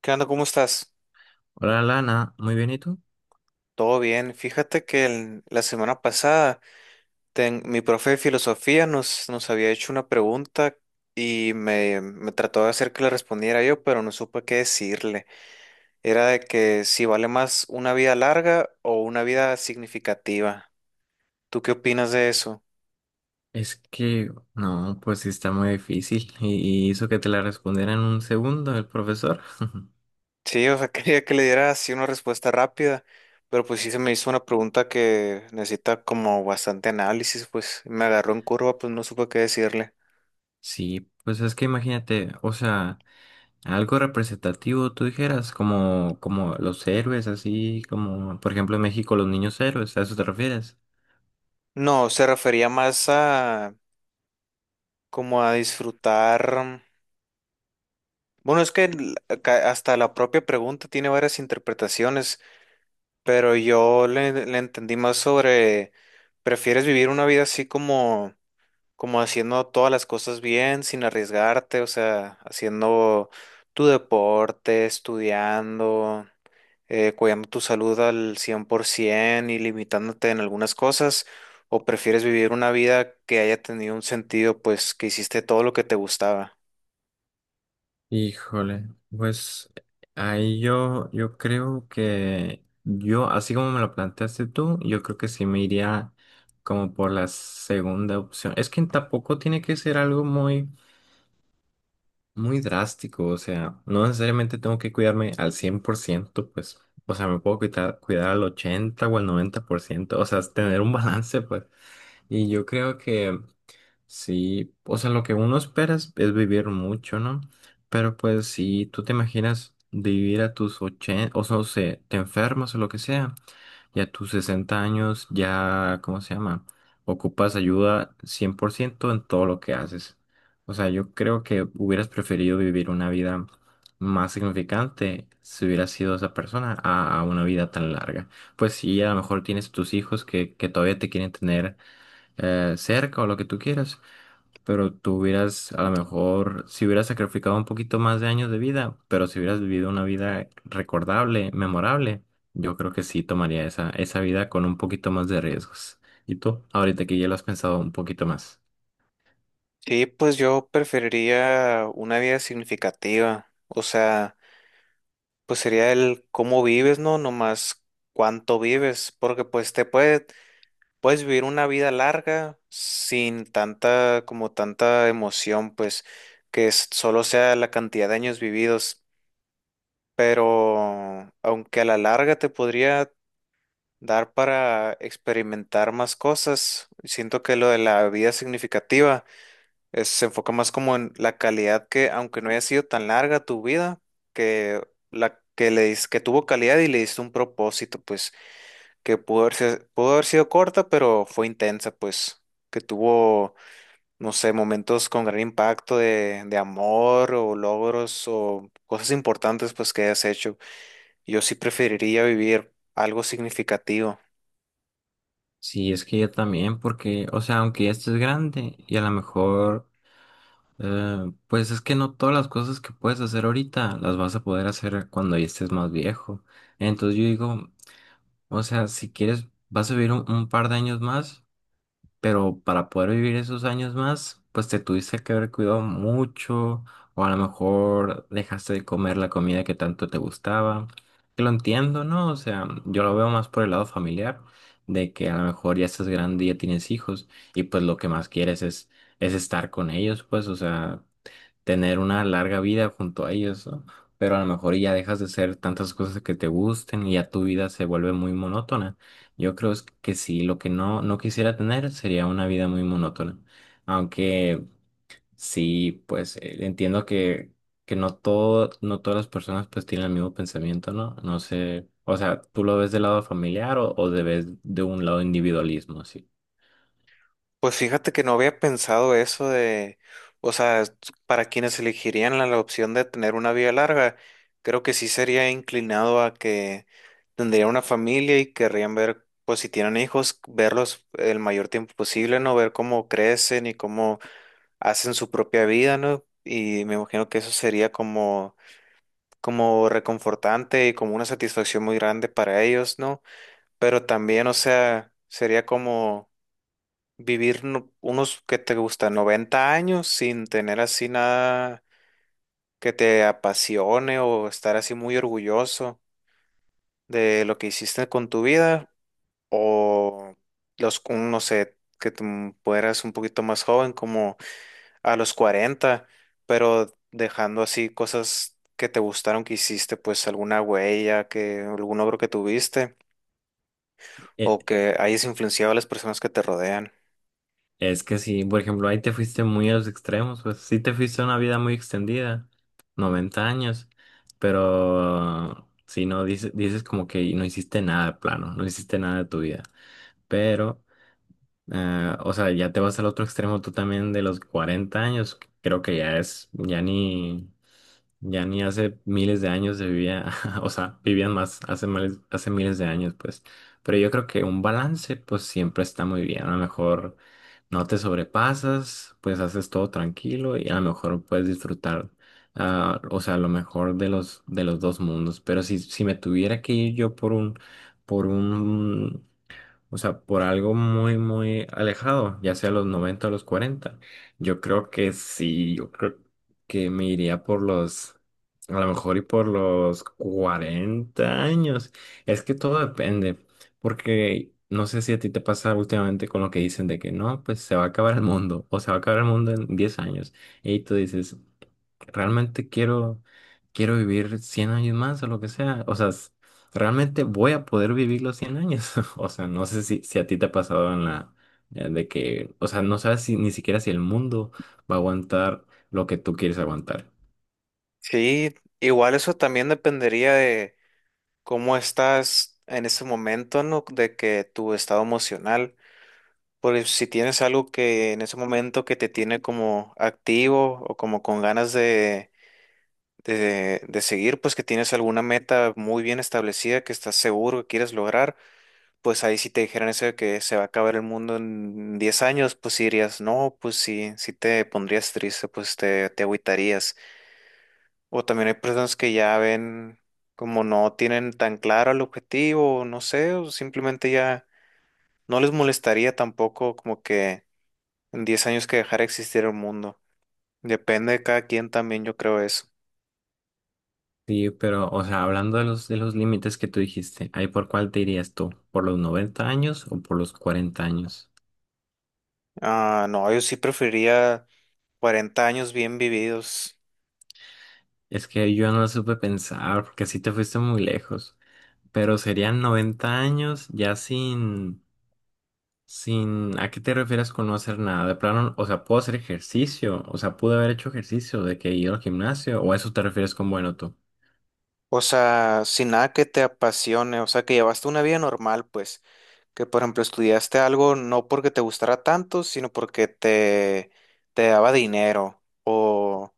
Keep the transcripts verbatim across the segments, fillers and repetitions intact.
¿Qué onda? ¿Cómo estás? Hola Lana, muy bien, ¿y tú? Todo bien. Fíjate que el- la semana pasada ten- mi profe de filosofía nos, nos había hecho una pregunta y me, me trató de hacer que le respondiera yo, pero no supe qué decirle. Era de que si vale más una vida larga o una vida significativa. ¿Tú qué opinas de eso? Es que, no, pues sí está muy difícil y, y hizo que te la respondiera en un segundo el profesor. Sí, o sea, quería que le diera así una respuesta rápida, pero pues sí se me hizo una pregunta que necesita como bastante análisis, pues me agarró en curva, pues no supe qué decirle. Sí, pues es que imagínate, o sea, algo representativo tú dijeras, como, como los héroes, así como, por ejemplo, en México los niños héroes, ¿a eso te refieres? No, se refería más a como a disfrutar. Bueno, es que l- ca- hasta la propia pregunta tiene varias interpretaciones, pero yo le, le entendí más sobre, ¿prefieres vivir una vida así como, como haciendo todas las cosas bien, sin arriesgarte? O sea, haciendo tu deporte, estudiando. Eh, cuidando tu salud al cien por ciento y limitándote en algunas cosas, o prefieres vivir una vida que haya tenido un sentido, pues que hiciste todo lo que te gustaba. Híjole, pues ahí yo, yo creo que yo, así como me lo planteaste tú, yo creo que sí me iría como por la segunda opción. Es que tampoco tiene que ser algo muy, muy drástico, o sea, no necesariamente tengo que cuidarme al cien por ciento, pues, o sea, me puedo cuidar, cuidar al ochenta o al noventa por ciento, o sea, es tener un balance, pues. Y yo creo que... Sí, o sea, lo que uno espera es, es vivir mucho, ¿no? Pero pues si tú te imaginas de vivir a tus ochenta, o sea, o sea, te enfermas o lo que sea, y a tus sesenta años ya, ¿cómo se llama? Ocupas ayuda cien por ciento en todo lo que haces. O sea, yo creo que hubieras preferido vivir una vida más significante si hubieras sido esa persona a, a una vida tan larga. Pues sí, a lo mejor tienes tus hijos que, que todavía te quieren tener eh, cerca o lo que tú quieras, pero tú hubieras, a lo mejor, si hubieras sacrificado un poquito más de años de vida, pero si hubieras vivido una vida recordable, memorable, yo creo que sí tomaría esa, esa vida con un poquito más de riesgos. ¿Y tú? Ahorita que ya lo has pensado un poquito más. Sí, pues yo preferiría una vida significativa, o sea, pues sería el cómo vives, ¿no? No más cuánto vives, porque pues te puede, puedes vivir una vida larga sin tanta, como tanta emoción, pues que es- solo sea la cantidad de años vividos. Pero aunque a la larga te podría dar para experimentar más cosas, siento que lo de la vida significativa es- se enfoca más como en la calidad que, aunque no haya sido tan larga tu vida, que la que le dis- que tuvo calidad y le diste un propósito, pues, que pudo haber, si- pudo haber sido corta, pero fue intensa, pues, que tuvo, no sé, momentos con gran impacto de, de amor o logros o cosas importantes, pues, que hayas hecho. Yo sí preferiría vivir algo significativo. Sí, es que yo también, porque, o sea, aunque ya estés grande y a lo mejor, eh, pues es que no todas las cosas que puedes hacer ahorita las vas a poder hacer cuando ya estés más viejo. Entonces yo digo, o sea, si quieres, vas a vivir un un par de años más. Pero para poder vivir esos años más, pues te tuviste que haber cuidado mucho, o a lo mejor dejaste de comer la comida que tanto te gustaba. Que lo entiendo, ¿no? O sea, yo lo veo más por el lado familiar, de que a lo mejor ya estás grande y ya tienes hijos, y pues lo que más quieres es, es estar con ellos, pues, o sea, tener una larga vida junto a ellos, ¿no? Pero a lo mejor ya dejas de hacer tantas cosas que te gusten y ya tu vida se vuelve muy monótona. Yo creo es que sí, lo que no, no quisiera tener sería una vida muy monótona. Aunque sí, pues eh, entiendo que, que no todo, no todas las personas pues tienen el mismo pensamiento, ¿no? No sé, o sea, ¿tú lo ves del lado familiar o, o de, ves de un lado individualismo, sí? Pues fíjate que no había pensado eso de, o sea, s- para quienes elegirían la, la opción de tener una vida larga, creo que sí sería inclinado a que tendría una familia y querrían ver, pues si tienen hijos, verlos el mayor tiempo posible, ¿no? Ver cómo crecen y cómo hacen su propia vida, ¿no? Y me imagino que eso sería como, como reconfortante y como una satisfacción muy grande para ellos, ¿no? Pero también, o sea, sería como vivir no- unos que te gustan noventa años sin tener así nada que te apasione o estar así muy orgulloso de lo que hiciste con tu vida o los, un- no sé, que tú fueras un poquito más joven, como a los cuarenta, pero dejando así cosas que te gustaron que hiciste, pues alguna huella, que algún logro que tuviste o que hayas influenciado a las personas que te rodean. Es que si, por ejemplo, ahí te fuiste muy a los extremos, pues sí te fuiste a una vida muy extendida, noventa años, pero si no dices, dices como que no hiciste nada de plano, no hiciste nada de tu vida, pero, eh, o sea, ya te vas al otro extremo tú también de los cuarenta años, que creo que ya es, ya ni, ya ni hace miles de años se vivía, o sea, vivían más hace, miles- hace miles de años, pues, pero yo creo que un balance, pues siempre está muy bien, a lo mejor no te sobrepasas, pues haces todo tranquilo y a lo mejor puedes disfrutar, ah, o sea, lo mejor de los, de los dos mundos. Pero si, si me tuviera que ir yo por un, por un o sea, por algo muy, muy alejado, ya sea los noventa o los cuarenta. Yo creo que sí, yo creo que me iría por los, a lo mejor y por los cuarenta años. Es que todo depende, porque no sé si a ti te pasa últimamente con lo que dicen de que no, pues se va a acabar el mundo o se va a acabar el mundo en diez años. Y tú dices, realmente quiero, quiero vivir cien años más o lo que sea. O sea, s- realmente voy a poder vivir los cien años. O sea, no sé si, si a ti te ha pasado en la, eh, de que, o sea, no sabes si, ni siquiera si el mundo va a aguantar lo que tú quieres aguantar. Sí, igual eso también dependería de cómo estás en ese momento, ¿no? De que tu estado emocional, porque si tienes algo que en ese momento que te tiene como activo o como con ganas de, de, de seguir, pues que tienes alguna meta muy bien establecida que estás seguro que quieres lograr, pues ahí si te dijeran eso de que se va a acabar el mundo en diez años, pues sí dirías, no, pues sí, sí te pondrías triste, pues te, te agüitarías. O también hay personas que ya ven como no tienen tan claro el objetivo, o no sé, o simplemente ya no les molestaría tampoco como que en diez años que dejara de existir el mundo. Depende de cada quien también, yo creo eso. Sí, pero, o sea, hablando de los, de los límites que tú dijiste, ¿ahí por cuál te irías tú? ¿Por los noventa años o por los cuarenta años? Ah, no, yo sí preferiría cuarenta años bien vividos. Es que yo no supe pensar, porque sí te fuiste muy lejos. Pero serían noventa años ya sin, sin, ¿a qué te refieres con no hacer nada? De plano, o sea, puedo hacer ejercicio, o sea, pude haber hecho ejercicio de que ir al gimnasio, o a eso te refieres con bueno tú. O sea, sin nada que te apasione, o sea, que llevaste una vida normal, pues, que por ejemplo estudiaste algo no porque te gustara tanto, sino porque te, te daba dinero o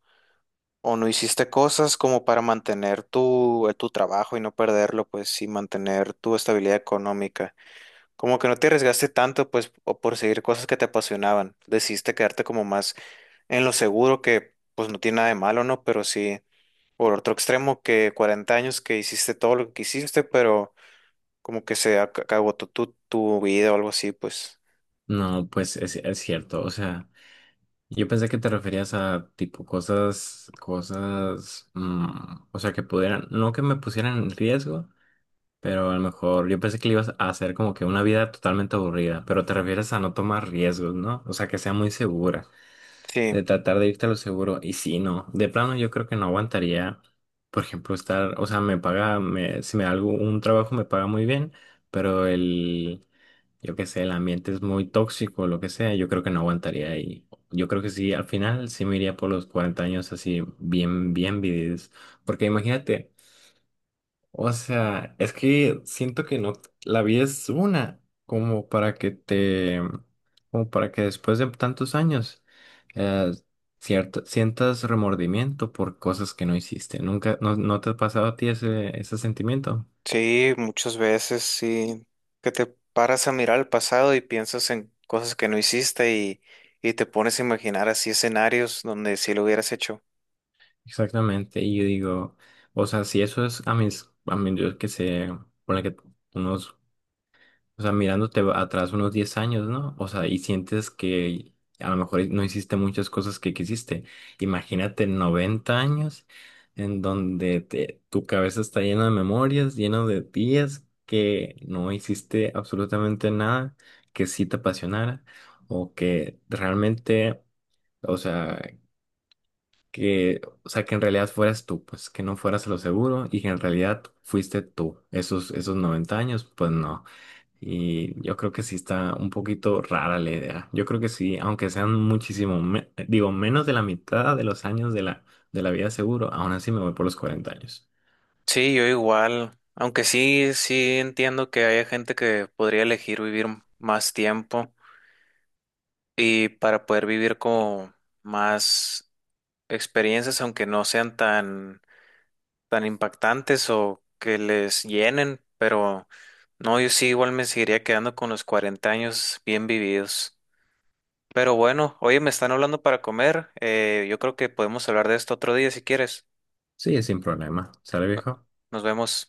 O no hiciste cosas como para mantener tu, eh, tu trabajo y no perderlo, pues, y mantener tu estabilidad económica. Como que no te arriesgaste tanto, pues, o por seguir cosas que te apasionaban. Decidiste quedarte como más en lo seguro, que pues no tiene nada de malo, ¿no? Pero sí, por otro extremo, que cuarenta años que hiciste todo lo que quisiste, pero como que se ac- acabó tu, tu, tu vida o algo así, pues. No, pues es, es cierto, o sea, yo pensé que te referías a tipo cosas, cosas, mm, o sea, que pudieran, no que me pusieran en riesgo, pero a lo mejor yo pensé que le ibas a hacer como que una vida totalmente aburrida, pero te refieres a no tomar riesgos, ¿no? O sea, que sea muy segura. Sí. De tratar de irte a lo seguro. Y si no, de plano yo creo que no aguantaría, por ejemplo, estar, o sea, me paga, me, si me da algo, un trabajo me paga muy bien, pero el, yo qué sé, el ambiente es muy tóxico, lo que sea, yo creo que no aguantaría. Y yo creo que sí, al final sí me iría por los cuarenta años así, bien, bien vividos. Porque imagínate. O sea, es que siento que no, la vida es una, como para que te, como para que después de tantos años, eh, cierto, sientas remordimiento por cosas que no hiciste. Nunca, no, no te ha pasado a ti ese, ese sentimiento. Sí, muchas veces sí, que te paras a mirar al pasado y piensas en cosas que no hiciste y, y te pones a imaginar así escenarios donde sí lo hubieras hecho. Exactamente. Y yo digo, o sea, si eso es a mis, a mí, yo que sé, ponle que unos, o sea, mirándote atrás unos diez años, ¿no? O sea, y sientes que a lo mejor no hiciste muchas cosas que quisiste. Imagínate noventa años en donde te- tu cabeza está llena de memorias, llena de días que no hiciste absolutamente nada que sí te apasionara o que realmente, o sea, que, o sea, que en realidad fueras tú, pues que no fueras a lo seguro y que en realidad fuiste tú. Esos, esos noventa años, pues no. Y yo creo que sí está un poquito rara la idea. Yo creo que sí, aunque sean muchísimo, me- digo, menos de la mitad de los años de la, de la vida seguro, aún así me voy por los cuarenta años. Sí, yo igual, aunque sí, sí entiendo que hay gente que podría elegir vivir m- más tiempo y para poder vivir como más experiencias, aunque no sean tan tan impactantes o que les llenen, pero no, yo sí igual me seguiría quedando con los cuarenta años bien vividos. Pero bueno, oye, me están hablando para comer, eh, yo creo que podemos hablar de esto otro día si quieres. Sí, sin problema. ¿Sale, No- viejo? Nos vemos.